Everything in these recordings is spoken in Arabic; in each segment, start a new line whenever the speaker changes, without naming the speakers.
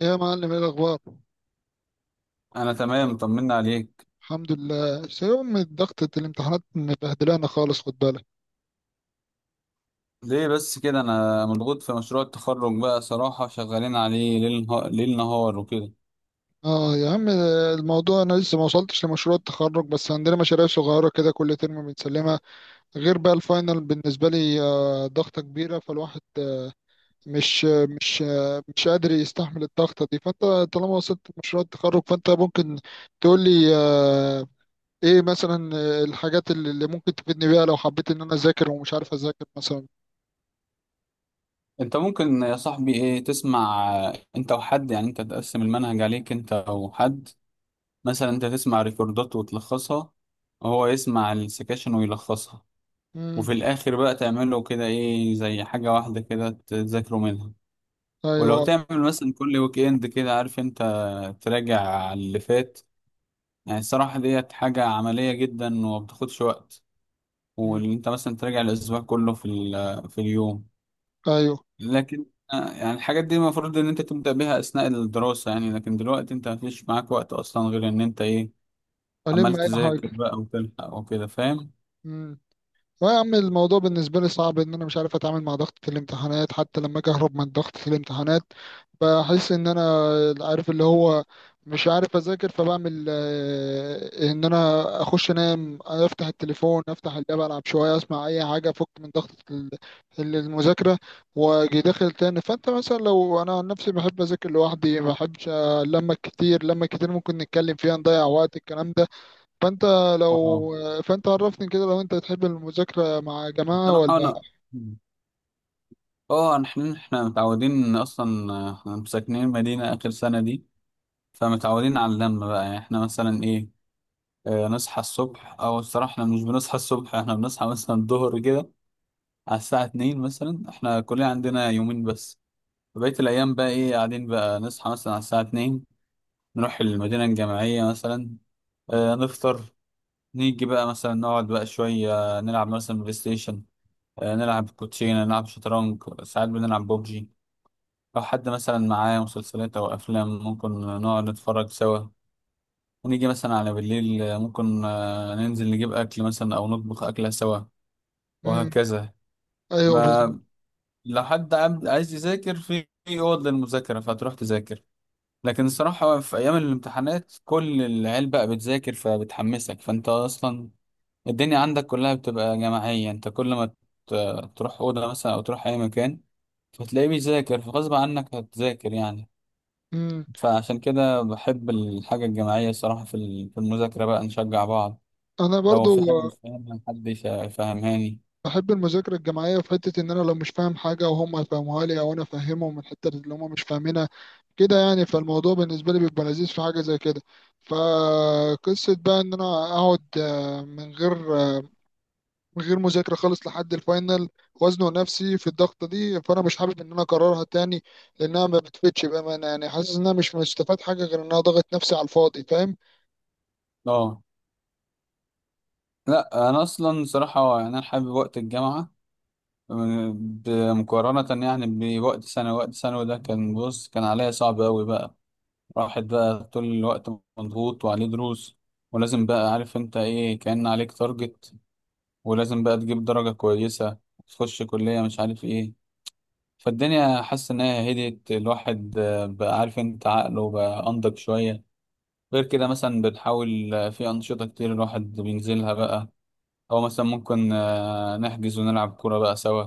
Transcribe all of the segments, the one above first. ايه يا معلم، ايه الاخبار؟
انا تمام، طمنا عليك.
الحمد لله، يوم ضغطة الامتحانات مبهدلانا خالص، خد بالك.
ليه بس كده؟ انا مضغوط في مشروع التخرج، بقى صراحة شغالين عليه ليل نهار، وكده.
اه يا عم. الموضوع انا لسه ما وصلتش لمشروع التخرج، بس عندنا مشاريع صغيرة كده كل ترم بنسلمها. غير بقى الفاينل بالنسبة لي، آه، ضغطة كبيرة فالواحد مش قادر يستحمل الضغطة دي. فانت طالما وصلت لمشروع التخرج فانت ممكن تقول لي، ايه مثلا، الحاجات اللي ممكن تفيدني بيها لو حبيت ان انا اذاكر ومش عارف اذاكر مثلا.
انت ممكن يا صاحبي ايه، تسمع انت وحد، يعني انت تقسم المنهج عليك انت او حد. مثلا انت تسمع ريكوردات وتلخصها، وهو يسمع السكاشن ويلخصها، وفي
امم.
الاخر بقى تعمله كده ايه زي حاجة واحدة كده تذاكروا منها.
ايوه.
ولو
آه.
تعمل مثلا كل ويك اند كده، عارف انت، تراجع على اللي فات، يعني الصراحة ديت حاجة عملية جدا وما بتاخدش وقت.
مم.
واللي انت مثلا تراجع الأسبوع كله في في اليوم.
ايوه.
لكن يعني الحاجات دي المفروض ان انت تبدأ بيها أثناء الدراسة يعني، لكن دلوقتي انت مفيش معاك وقت أصلا غير ان انت ايه،
الم
عمال
اي
تذاكر
حاجه.
بقى وتلحق وكده، فاهم.
امم. لا يا عم، الموضوع بالنسبه لي صعب، ان انا مش عارف اتعامل مع ضغطه الامتحانات. حتى لما اجي اهرب من ضغطه الامتحانات بحس ان انا، عارف اللي هو، مش عارف اذاكر، فبعمل ان انا اخش انام، افتح التليفون، افتح اللاب، العب شويه، اسمع اي حاجه، افك من ضغطه المذاكره، واجي داخل تاني. فانت مثلا، لو انا عن نفسي بحب اذاكر لوحدي، ما بحبش لما كتير ممكن نتكلم فيها نضيع وقت، الكلام ده. فانت
اه،
لو فانت عرفني كده، لو انت تحب المذاكرة مع جماعة ولا؟
الصراحة انا اه، إن احنا متعودين اصلا، احنا ساكنين مدينة آخر سنة دي، فمتعودين على اللمة بقى. يعني احنا مثلا ايه، نصحى الصبح، او الصراحه احنا مش بنصحى الصبح، احنا بنصحى مثلا الظهر كده، على الساعه 2 مثلا. احنا كلنا عندنا يومين بس، بقيه الايام بقى ايه، قاعدين بقى نصحى مثلا على الساعه 2، نروح المدينه الجامعيه مثلا، نفطر، نيجي بقى مثلا نقعد بقى شويه، نلعب مثلا بلاي ستيشن، نلعب كوتشينه، نلعب شطرنج، ساعات بنلعب ببجي. لو حد مثلا معاه مسلسلات او افلام، ممكن نقعد نتفرج سوا. ونيجي مثلا على بالليل ممكن ننزل نجيب اكل مثلا، او نطبخ اكله سوا،
امم.
وهكذا.
ايوه، بالظبط.
ما لو حد عايز يذاكر في اوض للمذاكره، فتروح تذاكر. لكن الصراحه في ايام الامتحانات كل العيال بقى بتذاكر، فبتحمسك، فانت اصلا الدنيا عندك كلها بتبقى جماعيه. انت كل ما تروح اوضه مثلا او تروح اي مكان، فتلاقيه بيذاكر، فغصب عنك هتذاكر يعني.
امم.
فعشان كده بحب الحاجه الجماعيه، الصراحه في في المذاكره بقى نشجع بعض،
انا
لو
برضو
في حاجه مش فاهمها حد يفهمهاني.
بحب المذاكرة الجماعية في حتة ان انا لو مش فاهم حاجة وهم يفهموها لي، او انا افهمهم من الحتة اللي هم مش فاهمينها، كده يعني. فالموضوع بالنسبة لي بيبقى لذيذ في حاجة زي كده. فقصة بقى ان انا اقعد من غير مذاكرة خالص لحد الفاينل، وزنه نفسي في الضغطة دي، فأنا مش حابب إن أنا أكررها تاني لأنها ما بتفيدش بأمانة. يعني حاسس إن أنا مش مستفاد حاجة، غير إن أنا ضغط نفسي على الفاضي. فاهم؟
اه، لا انا اصلا صراحه يعني انا حابب وقت الجامعه مقارنه يعني بوقت ثانوي. وقت ثانوي ده كان، بص، كان عليا صعب قوي بقى، راحت بقى طول الوقت مضغوط وعليه دروس، ولازم بقى، عارف انت ايه، كان عليك تارجت، ولازم بقى تجيب درجه كويسه، تخش كليه مش عارف ايه. فالدنيا حاسس ان هي هديت الواحد، بقى عارف انت عقله بقى انضج شويه. غير كده مثلا بنحاول في انشطه كتير الواحد بينزلها بقى، أو مثلا ممكن نحجز ونلعب كورة بقى سوا،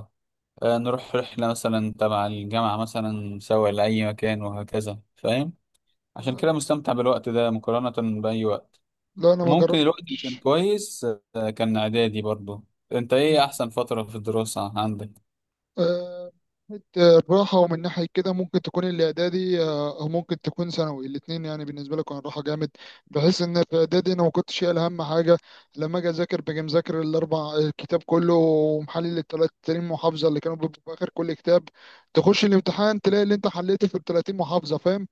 نروح رحلة مثلا تبع الجامعة مثلا سوا لأي مكان، وهكذا فاهم. عشان
لا.
كده مستمتع بالوقت ده مقارنة بأي وقت.
لا، أنا ما
ممكن الوقت اللي كان
جربتش.
كويس كان إعدادي برضو. أنت إيه أحسن فترة في الدراسة عندك؟
آه، من ناحية الراحة ومن ناحية كده، ممكن تكون الإعدادي أو ممكن تكون ثانوي. الاتنين يعني بالنسبة لي كان راحة جامد، بحيث إن في إعدادي أنا ما كنتش شايل هم حاجة. لما أجي أذاكر باجي مذاكر الأربع، الكتاب كله، ومحلل 30 محافظة اللي كانوا بيبقوا في آخر كل كتاب. تخش الامتحان تلاقي اللي أنت حليته في ال 30 محافظة، فاهم؟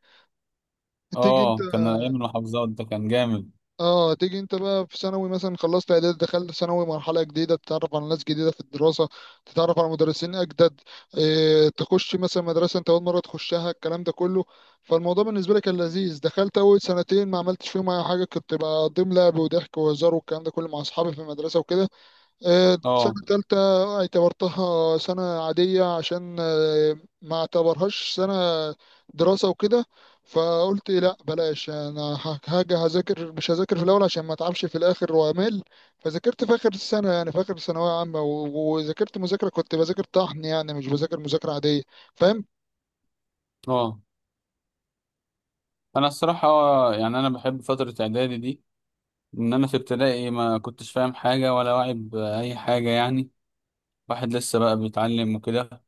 تيجي.
آه كان أيام المحافظات، ده كان جامد.
اه تيجي انت بقى في ثانوي، مثلا خلصت اعدادي دخلت ثانوي، مرحله جديده، تتعرف على ناس جديده في الدراسه، تتعرف على مدرسين اجدد، اه تخش مثلا مدرسه انت اول مره تخشها، الكلام ده كله. فالموضوع بالنسبه لي كان لذيذ، دخلت اول سنتين ما عملتش فيهم اي حاجه، كنت بقضيهم لعب وضحك وهزار والكلام ده كله مع اصحابي في المدرسه وكده. سنة
آه.
تالتة اعتبرتها سنة عادية، عشان ما اعتبرهاش سنة دراسة وكده. فقلت لا بلاش، انا هاجي هذاكر مش هذاكر في الاول عشان ما اتعبش في الاخر وامل. فذاكرت في اخر السنة، يعني في اخر ثانوية عامة، و- وذاكرت مذاكرة، كنت بذاكر طحن يعني، مش بذاكر مذاكرة عادية. فاهم؟
آه، أنا الصراحة يعني أنا بحب فترة إعدادي دي، إن أنا في ابتدائي ما كنتش فاهم حاجة ولا واعي بأي حاجة يعني، واحد لسه بقى بيتعلم وكده.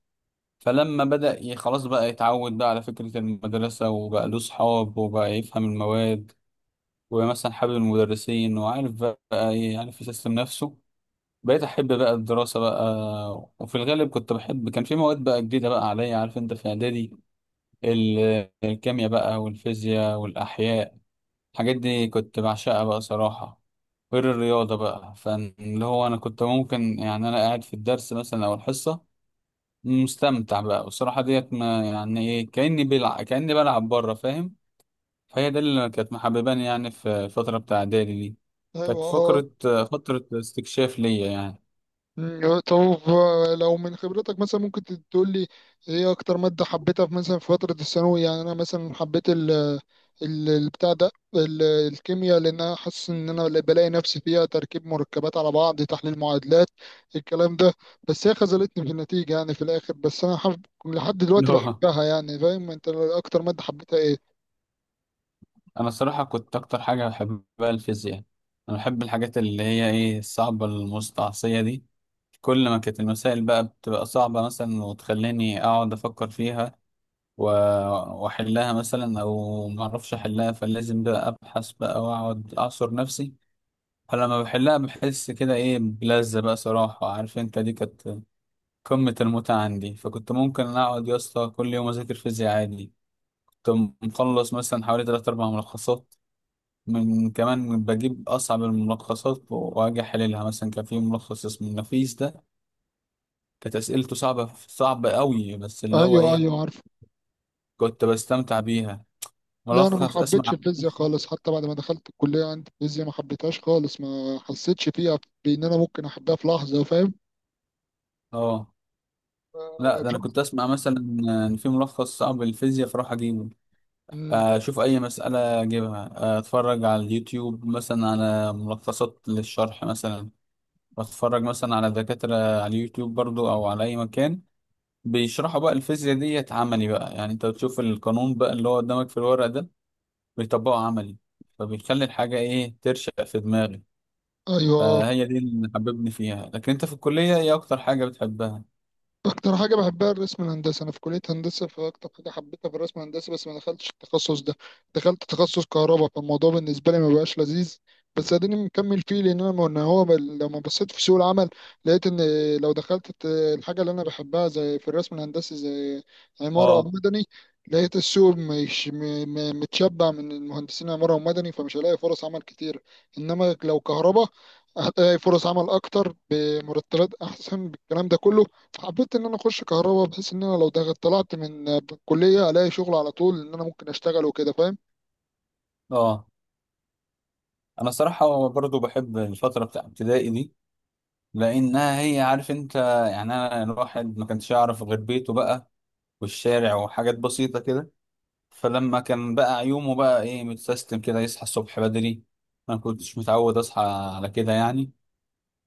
فلما خلاص بقى يتعود بقى على فكرة المدرسة، وبقى له صحاب، وبقى يفهم المواد، ومثلا حابب المدرسين، وعارف بقى إيه، عارف يسيستم نفسه، بقيت أحب بقى الدراسة بقى. وفي الغالب كنت بحب، كان في مواد بقى جديدة بقى عليا، عارف أنت في إعدادي، الكيمياء بقى والفيزياء والأحياء، الحاجات دي كنت بعشقها بقى صراحة. غير الرياضة بقى، فاللي هو أنا كنت ممكن، يعني أنا قاعد في الدرس مثلا أو الحصة، مستمتع بقى، والصراحة ديت ما يعني ايه، كأني بلعب، كأني بلعب بره، فاهم. فهي ده اللي كانت محبباني يعني في الفترة بتاع إعدادي دي، كانت
ايوه.
فكرة فترة استكشاف ليا يعني.
مم، طب. لو من خبرتك مثلا ممكن تقول لي، ايه اكتر مادة حبيتها في مثلا في فترة الثانوي؟ يعني انا مثلا حبيت ال- البتاع ده ال- الكيمياء، لان انا حاسس ان انا اللي بلاقي نفسي فيها، تركيب مركبات على بعض، تحليل معادلات، الكلام ده. بس هي خذلتني في النتيجة يعني في الاخر، بس انا حب لحد
اللي
دلوقتي
هو
بحبها يعني. فاهم؟ انت اكتر مادة حبيتها ايه؟
أنا الصراحة كنت أكتر حاجة بحبها الفيزياء. أنا بحب الحاجات اللي هي ايه، الصعبة المستعصية دي. كل ما كانت المسائل بقى بتبقى صعبة مثلا، وتخليني أقعد أفكر فيها، و- وأحلها مثلا، أو معرفش أحلها فلازم بقى أبحث بقى وأقعد أعصر نفسي. فلما بحلها بحس كده ايه بلذة بقى صراحة، عارف انت، دي كانت قمة المتعة عندي. فكنت ممكن اقعد يا اسطى كل يوم اذاكر فيزياء عادي. كنت مخلص مثلا حوالي تلات اربع ملخصات، من كمان بجيب اصعب الملخصات واجي احللها. مثلا كان في ملخص اسمه النفيس ده، كانت اسئلته صعبة صعبة قوي، بس اللي هو
ايوه،
ايه،
ايوه عارف.
كنت بستمتع بيها.
لا، انا ما
ملخص
حبيتش
اسمع.
الفيزياء خالص، حتى بعد ما دخلت الكليه عندي الفيزياء ما حبيتهاش خالص، ما حسيتش فيها بان انا ممكن احبها في لحظه. فاهم؟
اه، لا ده انا كنت
بصراحة.
اسمع مثلا ان في ملخص صعب للفيزياء فاروح اجيبه،
مم.
اشوف اي مسألة اجيبها. اتفرج على اليوتيوب مثلا على ملخصات للشرح مثلا، واتفرج مثلا على دكاترة على اليوتيوب برضو او على اي مكان بيشرحوا بقى الفيزياء ديت عملي بقى. يعني انت بتشوف القانون بقى اللي هو قدامك في الورق ده بيطبقه عملي، فبيخلي الحاجة ايه ترشق في دماغي.
ايوه.
فهي دي اللي حببني فيها. لكن انت في الكلية ايه اكتر حاجة بتحبها؟
اكتر حاجه بحبها الرسم الهندسي، انا في كليه هندسه، فاكتر حاجه حبيتها في الرسم الهندسي بس ما دخلتش التخصص ده. دخلت تخصص كهرباء، فالموضوع بالنسبه لي ما بقاش لذيذ، بس اديني مكمل فيه. لان انا لما بصيت في سوق العمل، لقيت ان، لو دخلت الحاجه اللي انا بحبها زي في الرسم الهندسي، زي عماره او
اه.
مدني، لقيت السوق مش متشبع من المهندسين عماره ومدني، فمش هلاقي فرص عمل كتير. انما لو كهرباء هتلاقي فرص عمل اكتر بمرتبات احسن، بالكلام ده كله حبيت ان انا اخش كهرباء، بحيث ان انا لو دخلت طلعت من الكليه الاقي شغل على طول، ان انا ممكن اشتغل وكده. فاهم؟
اه، انا صراحة برضو بحب الفترة بتاع ابتدائي دي، لانها هي، عارف انت، يعني انا الواحد ما كانش يعرف غير بيته بقى والشارع وحاجات بسيطه كده. فلما كان بقى يومه بقى ايه متسيستم كده، يصحى الصبح بدري، انا ما كنتش متعود اصحى على كده يعني.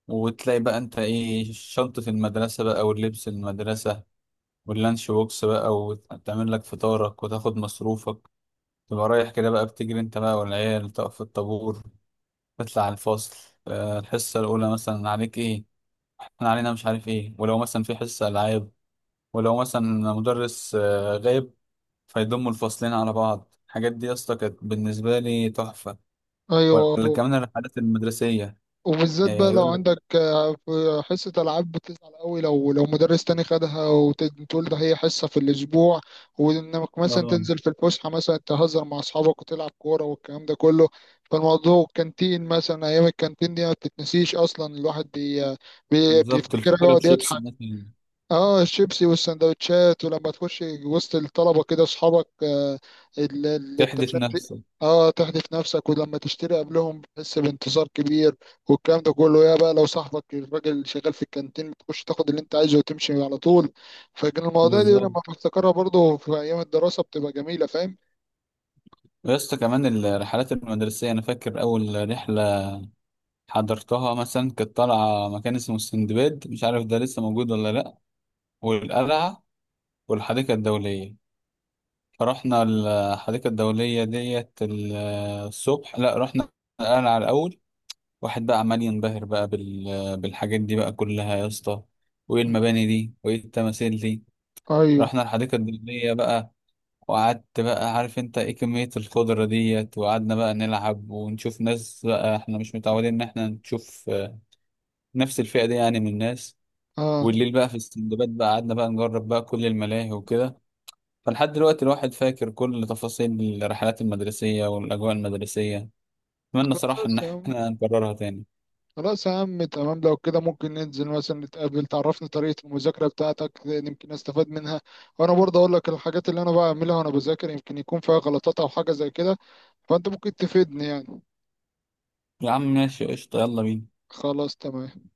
وتلاقي بقى انت ايه شنطه المدرسه بقى واللبس المدرسه واللانش بوكس بقى، وتعمل لك فطارك وتاخد مصروفك، تبقى رايح كده بقى بتجري انت بقى، والعيال تقف في الطابور، تطلع على الفصل، الحصه الاولى مثلا عليك ايه، احنا علينا مش عارف ايه. ولو مثلا في حصة العاب، ولو مثلا مدرس غايب، فيضموا الفصلين على بعض، الحاجات دي يا اسطى كانت بالنسبة لي تحفة.
ايوه.
ولا كمان الرحلات المدرسية.
وبالذات بقى لو
يقول لك.
عندك، في حصه العاب بتزعل قوي لو مدرس تاني خدها وتقول، ده هي حصه في الاسبوع، وانك مثلا
اه
تنزل في الفسحه مثلا تهزر مع اصحابك وتلعب كوره والكلام ده كله. فالموضوع كانتين مثلا، ايام الكانتين دي ما بتتنسيش اصلا، الواحد
بالظبط،
بيفتكرها
الفكرة
يقعد
بشيبسي
يضحك.
مثلا.
اه، الشيبسي والسندوتشات. ولما تخش وسط الطلبة كده اصحابك،
تحدف
التشتي.
نفسك.
اه تحدف نفسك، ولما تشتري قبلهم بتحس بانتصار كبير والكلام ده كله. يا بقى لو صاحبك الراجل شغال في الكانتين، بتخش تاخد اللي انت عايزه وتمشي على طول. فكان المواضيع دي
بالظبط.
لما بفتكرها برضه في ايام الدراسة بتبقى جميلة. فاهم؟
يا اسطى كمان الرحلات المدرسية، أنا فاكر أول رحلة حضرتها مثلا كانت طالعة مكان اسمه السندباد، مش عارف ده لسه موجود ولا لأ، والقلعة والحديقة الدولية. رحنا الحديقة الدولية ديت الصبح، لا رحنا القلعة الأول. واحد بقى عمال ينبهر بقى بالحاجات دي بقى كلها يا اسطى، وإيه المباني دي وإيه التماثيل دي.
ايوه.
رحنا الحديقة الدولية بقى، وقعدت بقى، عارف أنت إيه كمية الخضرة ديت، وقعدنا بقى نلعب ونشوف ناس بقى، إحنا مش متعودين إن إحنا نشوف نفس الفئة دي يعني من الناس.
اه.
والليل بقى في السندباد بقى قعدنا بقى نجرب بقى كل الملاهي وكده. فلحد دلوقتي الواحد فاكر كل تفاصيل الرحلات المدرسية والأجواء المدرسية، أتمنى صراحة
خلاص.
إن إحنا نكررها تاني.
خلاص يا عم، تمام. لو كده ممكن ننزل مثلا نتقابل، تعرفني طريقة المذاكرة بتاعتك، لأن يمكن استفاد منها، وانا برضه اقول لك الحاجات اللي انا بعملها وانا بذاكر، يمكن يكون فيها غلطات او حاجة زي كده. فانت ممكن تفيدني يعني.
يا عم ماشي قشطة، يلا بينا.
خلاص، تمام.